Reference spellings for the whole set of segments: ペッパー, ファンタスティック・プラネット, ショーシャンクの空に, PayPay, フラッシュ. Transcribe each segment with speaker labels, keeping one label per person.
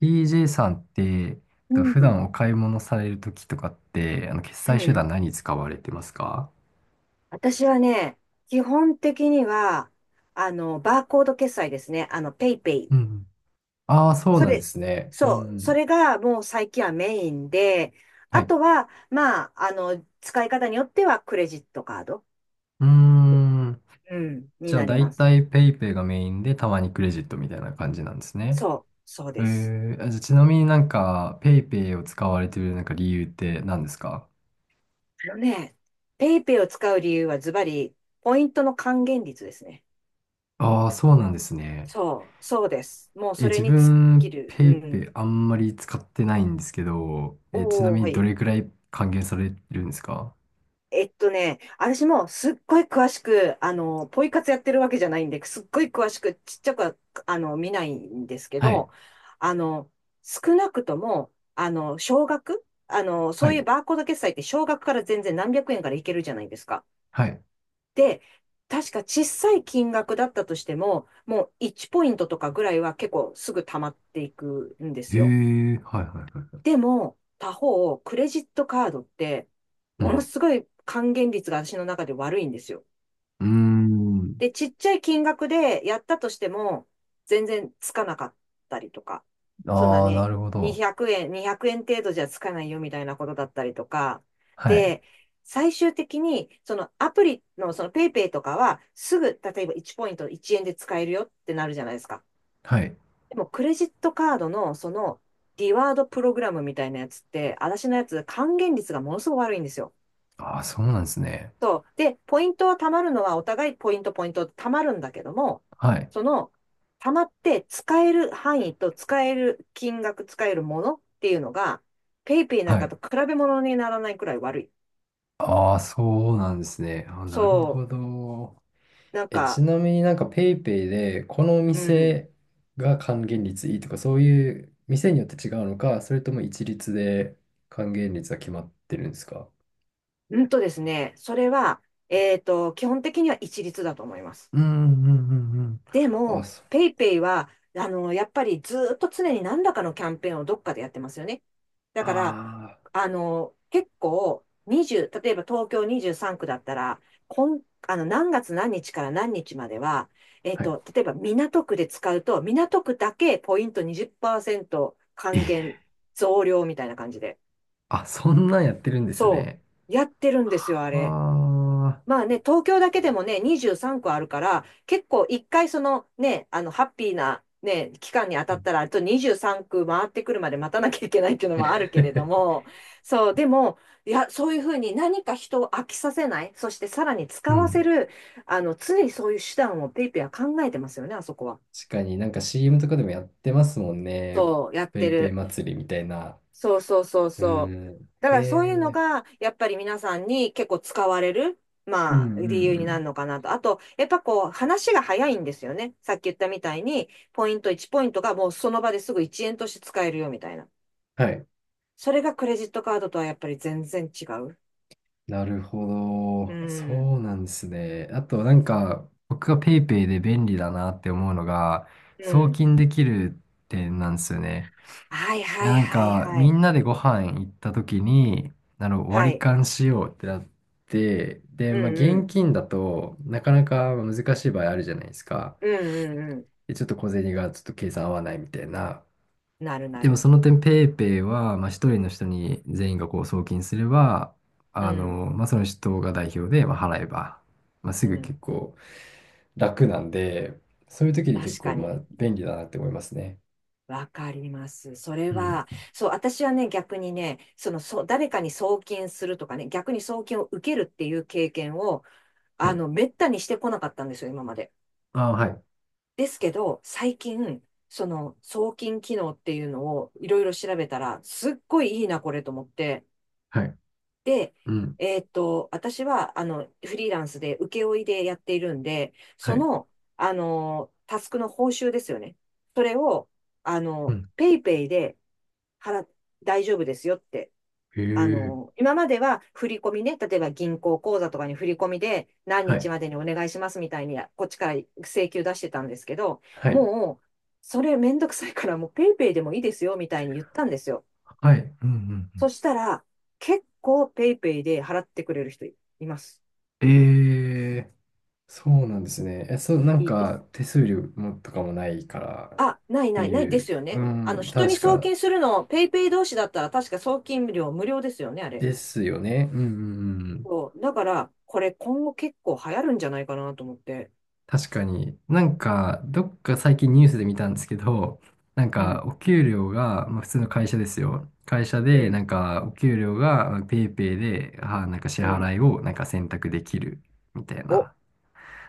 Speaker 1: TJ さんって、
Speaker 2: う
Speaker 1: 普
Speaker 2: ん。
Speaker 1: 段お買い物されるときとかって、決
Speaker 2: う
Speaker 1: 済手段
Speaker 2: ん、
Speaker 1: 何使われてますか？
Speaker 2: 私はね、基本的には、バーコード決済ですね。ペイペイ。
Speaker 1: うん。ああ、そう
Speaker 2: そ
Speaker 1: なんで
Speaker 2: れ、
Speaker 1: すね。う
Speaker 2: そう、そ
Speaker 1: ん。
Speaker 2: れがもう最近はメインで、
Speaker 1: は
Speaker 2: あ
Speaker 1: い。
Speaker 2: とは、まあ、使い方によってはクレジットカード、
Speaker 1: うーん。
Speaker 2: うん、に
Speaker 1: じゃあ、
Speaker 2: なり
Speaker 1: だ
Speaker 2: ま
Speaker 1: い
Speaker 2: す。
Speaker 1: たい PayPay がメインで、たまにクレジットみたいな感じなんですね。
Speaker 2: そう、そう
Speaker 1: え
Speaker 2: です。
Speaker 1: あじゃあちなみになんか、PayPay を使われてるなんか理由って何ですか？
Speaker 2: あのね、ペイペイを使う理由はズバリ、ポイントの還元率ですね。
Speaker 1: ああ、そうなんですね。
Speaker 2: そう、そうです。もう
Speaker 1: え、
Speaker 2: それ
Speaker 1: 自
Speaker 2: に尽き
Speaker 1: 分、
Speaker 2: る。う
Speaker 1: ペイペイ
Speaker 2: ん。
Speaker 1: あんまり使ってないんですけど、ちな
Speaker 2: おー、
Speaker 1: み
Speaker 2: は
Speaker 1: にど
Speaker 2: い。
Speaker 1: れくらい還元されるんですか？
Speaker 2: 私もすっごい詳しく、ポイ活やってるわけじゃないんで、すっごい詳しく、ちっちゃくは、見ないんですけ
Speaker 1: はい。
Speaker 2: ど、あの、少なくとも、あの、少額あの、そ
Speaker 1: は
Speaker 2: う
Speaker 1: い。
Speaker 2: いうバーコード決済って少額から全然何百円からいけるじゃないですか。
Speaker 1: はい。
Speaker 2: で、確か小さい金額だったとしても、もう1ポイントとかぐらいは結構すぐ溜まっていくんで
Speaker 1: へ
Speaker 2: すよ。
Speaker 1: え、はいはいはい。
Speaker 2: でも、他方、クレジットカードって、
Speaker 1: う
Speaker 2: もの
Speaker 1: ん。
Speaker 2: すごい還元率が私の中で悪いんですよ。
Speaker 1: うーん。
Speaker 2: で、ちっちゃい金額でやったとしても、全然つかなかったりとか、そんな
Speaker 1: ああ、な
Speaker 2: ね、
Speaker 1: るほど。
Speaker 2: 200円、200円程度じゃつかないよみたいなことだったりとか、
Speaker 1: はい。
Speaker 2: で、最終的に、そのアプリのそのペイペイとかは、すぐ、例えば1ポイント1円で使えるよってなるじゃないですか。
Speaker 1: はい。
Speaker 2: でも、クレジットカードの、その、リワードプログラムみたいなやつって、私のやつ、還元率がものすごく悪いんですよ。
Speaker 1: ああ、そうなんですね。
Speaker 2: そう。で、ポイントは貯まるのは、お互いポイント貯まるんだけども、
Speaker 1: はい。
Speaker 2: その、貯まって使える範囲と使える金額、使えるものっていうのが、ペイペイなん
Speaker 1: は
Speaker 2: か
Speaker 1: い。
Speaker 2: と比べ物にならないくらい悪い。
Speaker 1: ああ、そうなんですね。あー、なる
Speaker 2: そ
Speaker 1: ほど。
Speaker 2: う。なん
Speaker 1: え、ち
Speaker 2: か、
Speaker 1: なみになんか PayPay で、このお
Speaker 2: うん。
Speaker 1: 店が還元率いいとか、そういう店によって違うのか、それとも一律で還元率が決まってるんですか？
Speaker 2: うんとですね、それは、基本的には一律だと思います。
Speaker 1: うんうんうんう
Speaker 2: で
Speaker 1: ん。あ、
Speaker 2: も、
Speaker 1: そう。
Speaker 2: ペイペイは、やっぱりずっと常に何らかのキャンペーンをどっかでやってますよね。だから、
Speaker 1: あ
Speaker 2: 結構、20、例えば東京23区だったら、こん、あの、何月何日から何日までは、
Speaker 1: あ。はい。
Speaker 2: 例えば港区で使うと、港区だけポイント20%還元増量みたいな感じで。
Speaker 1: あ、そんなんやってるんです
Speaker 2: そ
Speaker 1: ね。
Speaker 2: う。やってるんですよ、あ
Speaker 1: あ
Speaker 2: れ。
Speaker 1: あ、
Speaker 2: まあね、東京だけでもね、23区あるから、結構一回ハッピーなね、期間に当
Speaker 1: う
Speaker 2: たっ
Speaker 1: ん
Speaker 2: たら、あと23区回ってくるまで待たなきゃいけないっていうのもあるけれど も、そう、でも、いや、そういうふうに何か人を飽きさせない、そしてさらに
Speaker 1: う
Speaker 2: 使わせ
Speaker 1: ん。
Speaker 2: る、常にそういう手段をペイペイは考えてますよね、あそこは。
Speaker 1: 確かになんか CM とかでもやってますもんね。
Speaker 2: そう、やっ
Speaker 1: ペ
Speaker 2: て
Speaker 1: イペイ
Speaker 2: る。
Speaker 1: 祭りみたいな。
Speaker 2: そうそうそう
Speaker 1: う
Speaker 2: そう。
Speaker 1: ん。
Speaker 2: だ
Speaker 1: へ
Speaker 2: からそういうの
Speaker 1: え。
Speaker 2: が、やっぱり皆さんに結構使われる、
Speaker 1: う
Speaker 2: まあ、
Speaker 1: んう
Speaker 2: 理由
Speaker 1: んう
Speaker 2: になる
Speaker 1: ん。
Speaker 2: のかなと。あと、やっぱこう、話が早いんですよね。さっき言ったみたいに、ポイント1ポイントがもうその場ですぐ1円として使えるよみたいな。
Speaker 1: はい。
Speaker 2: それがクレジットカードとはやっぱり全然違う。
Speaker 1: なるほ
Speaker 2: う
Speaker 1: ど。
Speaker 2: ん。
Speaker 1: そうなんですね。あとなんか、僕がペイペイで便利だなって思うのが、
Speaker 2: う
Speaker 1: 送
Speaker 2: ん。
Speaker 1: 金できる点なんですよね。
Speaker 2: はい
Speaker 1: い
Speaker 2: は
Speaker 1: や、
Speaker 2: い
Speaker 1: なん
Speaker 2: はい
Speaker 1: か、
Speaker 2: は
Speaker 1: み
Speaker 2: い。
Speaker 1: んなでご飯行った時に、
Speaker 2: は
Speaker 1: 割り
Speaker 2: い。
Speaker 1: 勘しようってなって、
Speaker 2: う
Speaker 1: で、まあ、
Speaker 2: んう
Speaker 1: 現
Speaker 2: ん。
Speaker 1: 金だとなかなか難しい場合あるじゃないですか。
Speaker 2: うんうんう
Speaker 1: で、ちょっと小銭がちょっと計算合わないみたいな。
Speaker 2: ん。なるな
Speaker 1: でも、
Speaker 2: る。
Speaker 1: その点、ペイペイは、まあ、一人の人に全員がこう送金すれば、
Speaker 2: うん。
Speaker 1: まあ、その人が代表で、まあ、払えば、まあ、す
Speaker 2: う
Speaker 1: ぐ
Speaker 2: ん。
Speaker 1: 結構楽なんで、そういう時に結
Speaker 2: 確か
Speaker 1: 構、まあ、
Speaker 2: に。
Speaker 1: 便利だなって思いますね。
Speaker 2: わかります。それ
Speaker 1: うん。
Speaker 2: は、そう、私はね、逆にね、そう、誰かに送金するとかね、逆に送金を受けるっていう経験を、
Speaker 1: はい。
Speaker 2: めったにしてこなかったんですよ、今まで。
Speaker 1: ああ、はい。
Speaker 2: ですけど、最近、その、送金機能っていうのをいろいろ調べたら、すっごいいいな、これと思って、
Speaker 1: はい。
Speaker 2: で、
Speaker 1: うん。
Speaker 2: 私は、フリーランスで請負いでやっているんで、
Speaker 1: は
Speaker 2: そ
Speaker 1: い。
Speaker 2: の、タスクの報酬ですよね。それを、
Speaker 1: うん
Speaker 2: ペイペイで払っ、大丈夫ですよって。
Speaker 1: へえ。
Speaker 2: 今までは振り込みね、例えば銀行口座とかに振り込みで何
Speaker 1: は
Speaker 2: 日
Speaker 1: い。
Speaker 2: までにお願いしますみたいに、こっちから請求出してたんですけど、
Speaker 1: はい。
Speaker 2: もう、それめんどくさいからもうペイペイでもいいですよみたいに言ったんですよ。
Speaker 1: はい。うんうんう
Speaker 2: そ
Speaker 1: ん。
Speaker 2: したら、結構ペイペイで払ってくれる人います。
Speaker 1: ええ、そうなんですね。え、そう、なん
Speaker 2: いいです。
Speaker 1: か、手数料もとかもないからっ
Speaker 2: あ、ない
Speaker 1: て
Speaker 2: ないない
Speaker 1: い
Speaker 2: で
Speaker 1: う、
Speaker 2: すよ
Speaker 1: う
Speaker 2: ね。
Speaker 1: ん、
Speaker 2: 人に
Speaker 1: 確
Speaker 2: 送
Speaker 1: か
Speaker 2: 金するの、ペイペイ同士だったら確か送金料無料ですよね、あれ。
Speaker 1: ですよね。うんうんうん。
Speaker 2: そう。だから、これ今後結構流行るんじゃないかなと思って。
Speaker 1: 確かに。なんか、どっか最近ニュースで見たんですけど、なん
Speaker 2: う
Speaker 1: か、
Speaker 2: ん、
Speaker 1: お給料が、まあ、普通の会社ですよ。会社
Speaker 2: う
Speaker 1: で、な
Speaker 2: ん、
Speaker 1: んか、お給料が、まあペイペイで、あ、なんか支
Speaker 2: う
Speaker 1: 払
Speaker 2: ん。
Speaker 1: いを、なんか選択できるみたい
Speaker 2: お、
Speaker 1: な。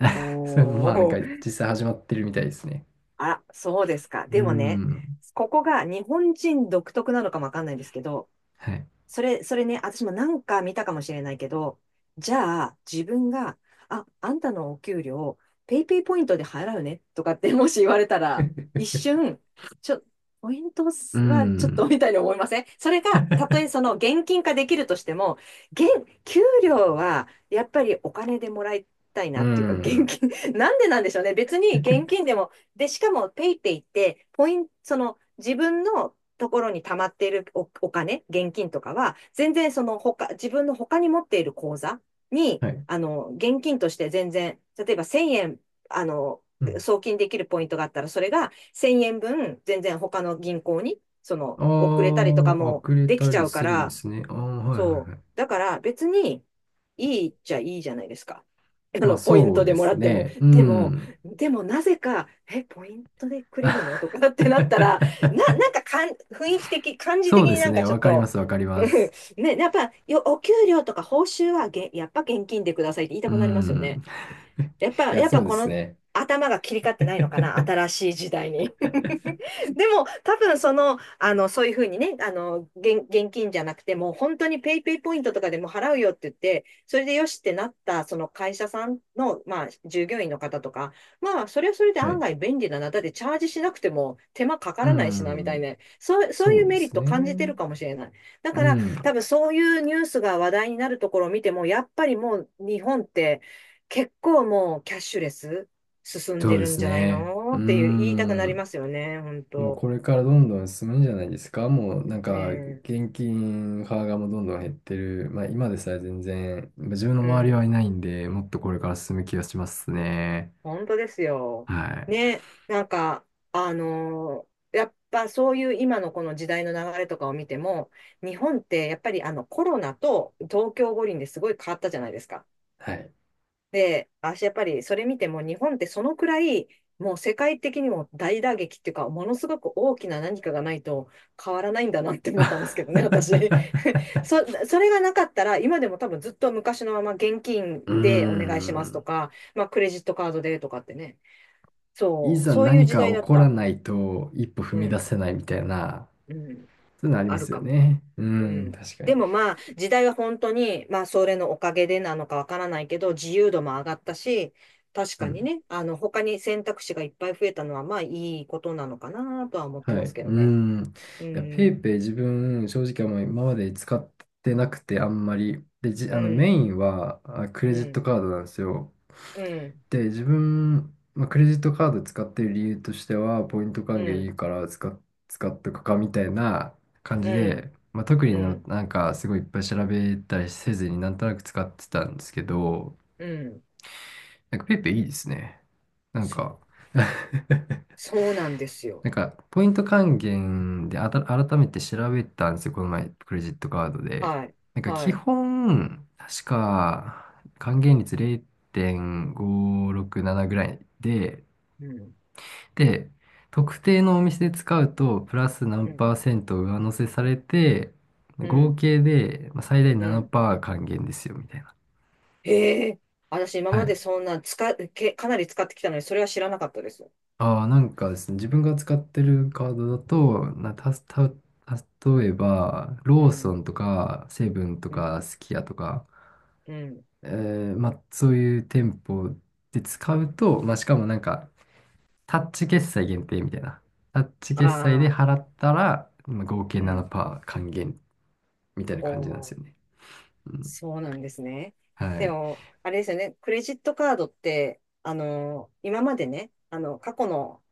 Speaker 1: ま
Speaker 2: お
Speaker 1: あなんか
Speaker 2: ー。
Speaker 1: 実際始まってるみたいですね。
Speaker 2: あ、そうですか。
Speaker 1: うー
Speaker 2: でもね、
Speaker 1: ん。
Speaker 2: ここが日本人独特なのかもわかんないんですけど、
Speaker 1: はい。
Speaker 2: それね、私もなんか見たかもしれないけど、じゃあ自分が、あんたのお給料、ペイペイポイントで払うねとかってもし言われたら、一瞬、ちょ、ポイントは
Speaker 1: うー
Speaker 2: ちょっと
Speaker 1: ん。
Speaker 2: みたいに思いません？それが、たとえその現金化できるとしても、現、給料はやっぱりお金でもらいたい
Speaker 1: うー
Speaker 2: なっていうか、現
Speaker 1: ん。
Speaker 2: 金、なんでなんでしょうね。別に現金でも、で、しかもペイペイって、ポイント、その自分のところに溜まっているお金、現金とかは、全然その他、自分の他に持っている口座に、
Speaker 1: はい。
Speaker 2: 現金として全然、例えば1000円、あの、
Speaker 1: うん。
Speaker 2: 送金できるポイントがあったら、それが1000円分、全然他の銀行に、その、遅れ
Speaker 1: あ
Speaker 2: たりとか
Speaker 1: あ、あ
Speaker 2: も
Speaker 1: くれ
Speaker 2: でき
Speaker 1: た
Speaker 2: ちゃ
Speaker 1: り
Speaker 2: うか
Speaker 1: するんで
Speaker 2: ら、
Speaker 1: すね。ああ、はいはい
Speaker 2: そ
Speaker 1: はい。
Speaker 2: う。だから別にいいっちゃいいじゃないですか。
Speaker 1: まあ
Speaker 2: ポイン
Speaker 1: そう
Speaker 2: トで
Speaker 1: で
Speaker 2: もら
Speaker 1: す
Speaker 2: っても。
Speaker 1: ね。う
Speaker 2: でも、
Speaker 1: ん。
Speaker 2: でもなぜか、ポイントでくれるのとかってなったら、な、なんかかん、雰囲気的、感じ
Speaker 1: そ
Speaker 2: 的
Speaker 1: うで
Speaker 2: にな
Speaker 1: す
Speaker 2: んか
Speaker 1: ね。
Speaker 2: ちょっ
Speaker 1: わかりま
Speaker 2: と、
Speaker 1: す、わかり
Speaker 2: う
Speaker 1: ます。
Speaker 2: んね、やっぱよ、お給料とか報酬はやっぱ現金でくださいって言いた
Speaker 1: う
Speaker 2: くなりますよね。
Speaker 1: ん。いや、
Speaker 2: やっ
Speaker 1: そ
Speaker 2: ぱ
Speaker 1: うで
Speaker 2: こ
Speaker 1: す
Speaker 2: の
Speaker 1: ね。
Speaker 2: 頭が切り替わってないのかな、新しい時代に。でも、多分そういうふうにね、現金じゃなくても、本当にペイペイポイントとかでも払うよって言って、それでよしってなった、その会社さんの、まあ、従業員の方とか、まあ、それはそれで
Speaker 1: は
Speaker 2: 案
Speaker 1: い。
Speaker 2: 外便利だな。だってチャージしなくても手間かか
Speaker 1: う
Speaker 2: らないしな、みたい
Speaker 1: ん。
Speaker 2: な。そう、そう
Speaker 1: そ
Speaker 2: いう
Speaker 1: うで
Speaker 2: メリッ
Speaker 1: す
Speaker 2: ト感じて
Speaker 1: ね。
Speaker 2: るかもしれない。だ
Speaker 1: う
Speaker 2: から、
Speaker 1: ん。
Speaker 2: 多分そういうニュースが話題になるところを見ても、やっぱりもう日本って結構もうキャッシュレス。進ん
Speaker 1: そ
Speaker 2: で
Speaker 1: うで
Speaker 2: るん
Speaker 1: す
Speaker 2: じゃない
Speaker 1: ね。う
Speaker 2: のっていう言いたくなり
Speaker 1: ん。
Speaker 2: ますよね、本
Speaker 1: もう
Speaker 2: 当。
Speaker 1: これからどんどん進むんじゃないですか。もうなんか
Speaker 2: ね
Speaker 1: 現金派がもうどんどん減ってる。まあ今でさえ全然、まあ自分の
Speaker 2: え、う
Speaker 1: 周りは
Speaker 2: ん、
Speaker 1: いないんで、もっとこれから進む気がしますね。
Speaker 2: 本当ですよ。
Speaker 1: はい。
Speaker 2: ね、なんか、やっぱそういう今のこの時代の流れとかを見ても、日本ってやっぱりあのコロナと東京五輪ですごい変わったじゃないですか。
Speaker 1: はい。
Speaker 2: で、やっぱりそれ見ても日本ってそのくらい、もう世界的にも大打撃っていうか、ものすごく大きな何かがないと変わらないんだなって思ったんですけどね、私。そ、それがなかったら、今でも多分ずっと昔のまま現金
Speaker 1: うー
Speaker 2: でお願いしますと
Speaker 1: ん。
Speaker 2: か、まあクレジットカードでとかってね。
Speaker 1: い
Speaker 2: そう、
Speaker 1: ざ
Speaker 2: そういう
Speaker 1: 何
Speaker 2: 時
Speaker 1: か
Speaker 2: 代
Speaker 1: 起
Speaker 2: だっ
Speaker 1: こら
Speaker 2: た。
Speaker 1: ないと一歩踏
Speaker 2: う
Speaker 1: み出
Speaker 2: ん、
Speaker 1: せないみたいな、
Speaker 2: うん、
Speaker 1: そういうのありま
Speaker 2: ある
Speaker 1: すよ
Speaker 2: かも。
Speaker 1: ね。う
Speaker 2: う
Speaker 1: ん、
Speaker 2: ん。
Speaker 1: 確か
Speaker 2: で
Speaker 1: に。
Speaker 2: もまあ、時代は本当に、まあ、それのおかげでなのかわからないけど、自由度も上がったし、確
Speaker 1: う
Speaker 2: かに
Speaker 1: ん
Speaker 2: ね、他に選択肢がいっぱい増えたのは、まあ、いいことなのかなとは思って
Speaker 1: はい。
Speaker 2: ます
Speaker 1: う
Speaker 2: け
Speaker 1: ー
Speaker 2: どね。
Speaker 1: ん。い
Speaker 2: う
Speaker 1: や、ペイ
Speaker 2: ん、
Speaker 1: ペイ自分、正直あんまり今まで使ってなくて、あんまり。で、じ、
Speaker 2: う
Speaker 1: あの、メ
Speaker 2: ん、
Speaker 1: インは、あ、クレ
Speaker 2: う
Speaker 1: ジット
Speaker 2: ん、
Speaker 1: カードなんですよ。
Speaker 2: うん、
Speaker 1: で、自分、まあ、クレジットカード使ってる理由としては、ポイント
Speaker 2: う
Speaker 1: 還元い
Speaker 2: ん、
Speaker 1: いから使っとくかみたいな感
Speaker 2: う
Speaker 1: じ
Speaker 2: ん、
Speaker 1: で、まあ、特に
Speaker 2: う
Speaker 1: の、
Speaker 2: ん、
Speaker 1: なんか、すごいいっぱい調べたりせずになんとなく使ってたんですけど、
Speaker 2: うん。
Speaker 1: なんかペイペイいいですね。なん
Speaker 2: そ
Speaker 1: か
Speaker 2: う。そうなんですよ。
Speaker 1: なんか、ポイント還元で改めて調べたんですよ、この前、クレジットカードで。
Speaker 2: はい、
Speaker 1: なんか、基
Speaker 2: はい。
Speaker 1: 本、確か、還元率0.567ぐらいで、
Speaker 2: うん、
Speaker 1: で、特定のお店で使うと、プラス
Speaker 2: う
Speaker 1: 何
Speaker 2: ん、
Speaker 1: パーセント上乗せされて、
Speaker 2: う
Speaker 1: 合
Speaker 2: ん、
Speaker 1: 計でまあ最大
Speaker 2: うん。
Speaker 1: 7%還元ですよ、みたいな。
Speaker 2: へえ、私今
Speaker 1: は
Speaker 2: まで
Speaker 1: い
Speaker 2: そんな使っ、け、かなり使ってきたのに、それは知らなかったです。
Speaker 1: ああ、なんかですね、自分が使ってるカードだと、な、たす、た、例えば、
Speaker 2: う
Speaker 1: ローソ
Speaker 2: ん、
Speaker 1: ンとか、セブンと
Speaker 2: う
Speaker 1: か、
Speaker 2: ん。
Speaker 1: すき家とか、
Speaker 2: うん。
Speaker 1: えまあ、そういう店舗で使うと、まあ、しかもなんか、タッチ決済限定みたいな。タッチ
Speaker 2: あ
Speaker 1: 決済で
Speaker 2: あ、
Speaker 1: 払ったら、まあ、合計
Speaker 2: うん。
Speaker 1: 7%還元みたいな
Speaker 2: お
Speaker 1: 感じなんです
Speaker 2: お、
Speaker 1: よね。うん。
Speaker 2: そうなんですね。
Speaker 1: は
Speaker 2: で
Speaker 1: い。
Speaker 2: も、あれですよね。クレジットカードって、今までね、過去の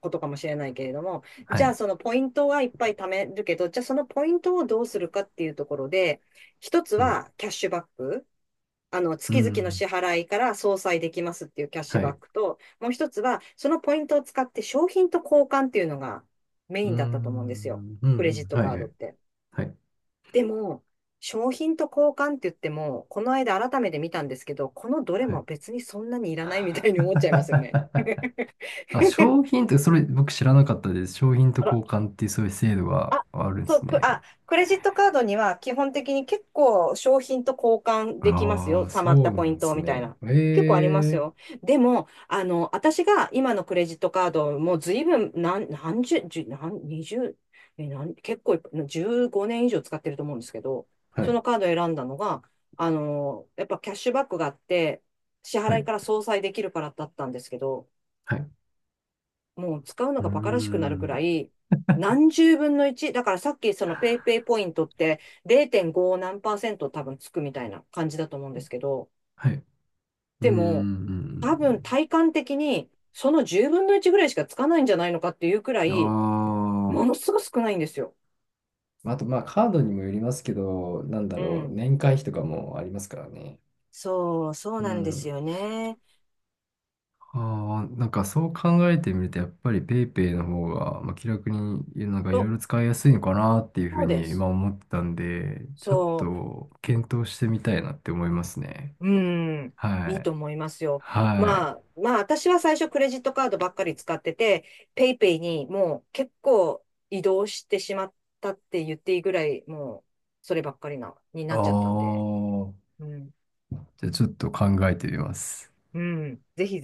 Speaker 2: ことかもしれないけれども、
Speaker 1: は
Speaker 2: じゃあ
Speaker 1: い。
Speaker 2: そのポイントはいっぱい貯めるけど、じゃあそのポイントをどうするかっていうところで、一つ
Speaker 1: うん。
Speaker 2: はキャッシュバック。
Speaker 1: う
Speaker 2: 月々の
Speaker 1: ん。
Speaker 2: 支払いから相殺できますっていうキャッシュ
Speaker 1: は
Speaker 2: バッ
Speaker 1: い。
Speaker 2: クと、もう一つは、そのポイントを使って商品と交換っていうのがメ
Speaker 1: うー
Speaker 2: インだったと思うんですよ。
Speaker 1: ん。うん。う
Speaker 2: クレジ
Speaker 1: ん。
Speaker 2: ット
Speaker 1: はい。
Speaker 2: カー
Speaker 1: は
Speaker 2: ドっ
Speaker 1: い。
Speaker 2: て。
Speaker 1: はい。
Speaker 2: でも、商品と交換って言っても、この間改めて見たんですけど、このどれ
Speaker 1: は
Speaker 2: も
Speaker 1: い
Speaker 2: 別にそんなにいらないみたいに思っちゃいますよね。
Speaker 1: あ、商品って、それ僕知らなかったです。商品と
Speaker 2: あら
Speaker 1: 交換っていうそういう制度が
Speaker 2: あ、
Speaker 1: あるんで
Speaker 2: そ
Speaker 1: す
Speaker 2: う、
Speaker 1: ね。
Speaker 2: クレジットカードには基本的に結構商品と交換できます
Speaker 1: あ
Speaker 2: よ。
Speaker 1: あ、
Speaker 2: 貯まっ
Speaker 1: そ
Speaker 2: た
Speaker 1: う
Speaker 2: ポ
Speaker 1: な
Speaker 2: イ
Speaker 1: ん
Speaker 2: ン
Speaker 1: で
Speaker 2: ト
Speaker 1: す
Speaker 2: みたい
Speaker 1: ね。
Speaker 2: な。結構あります
Speaker 1: え
Speaker 2: よ。
Speaker 1: え
Speaker 2: でも、私が今のクレジットカードもう随分何、何十、十、何、二十、え、何、結構いっぱい15年以上使ってると思うんですけど、
Speaker 1: は
Speaker 2: その
Speaker 1: い、
Speaker 2: カードを選んだのが、やっぱキャッシュバックがあって、支
Speaker 1: は
Speaker 2: 払い
Speaker 1: い、
Speaker 2: から相殺できるからだったんですけど、
Speaker 1: はい。
Speaker 2: もう使うの
Speaker 1: うー
Speaker 2: が馬鹿らしくなるく
Speaker 1: ん、
Speaker 2: らい、何十分の1。だからさっきそのペイペイポイントって0.5何パーセント多分つくみたいな感じだと思うんですけど、
Speaker 1: はい。うー
Speaker 2: でも多分
Speaker 1: ん。
Speaker 2: 体感的にその10分の1ぐらいしかつかないんじゃないのかっていうくら
Speaker 1: あ
Speaker 2: い、ものすごく少ないんですよ。
Speaker 1: あ。あと、まあ、カードにもよりますけど、なんだ
Speaker 2: う
Speaker 1: ろう、
Speaker 2: ん。
Speaker 1: 年会費とかもありますからね。
Speaker 2: そう、そう
Speaker 1: う
Speaker 2: なんです
Speaker 1: ん。
Speaker 2: よね。
Speaker 1: ああ、なんかそう考えてみると、やっぱり PayPay の方が、まあ、気楽に、なんかい
Speaker 2: そ
Speaker 1: ろい
Speaker 2: う
Speaker 1: ろ使いやすいのかなっていうふう
Speaker 2: そうで
Speaker 1: に今
Speaker 2: す。
Speaker 1: 思ってたんで、ちょっ
Speaker 2: そう。
Speaker 1: と検討してみたいなって思いますね。
Speaker 2: うん、
Speaker 1: は
Speaker 2: いい
Speaker 1: い。
Speaker 2: と思いますよ。
Speaker 1: は
Speaker 2: ま
Speaker 1: い。
Speaker 2: あ、まあ、私は最初クレジットカードばっかり使ってて、ペイペイにもう結構移動してしまったって言っていいぐらい、もうそればっかりに
Speaker 1: あ
Speaker 2: なっちゃったんで、
Speaker 1: あ、
Speaker 2: うん、
Speaker 1: じゃあちょっと考えてみます。
Speaker 2: うん、ぜひ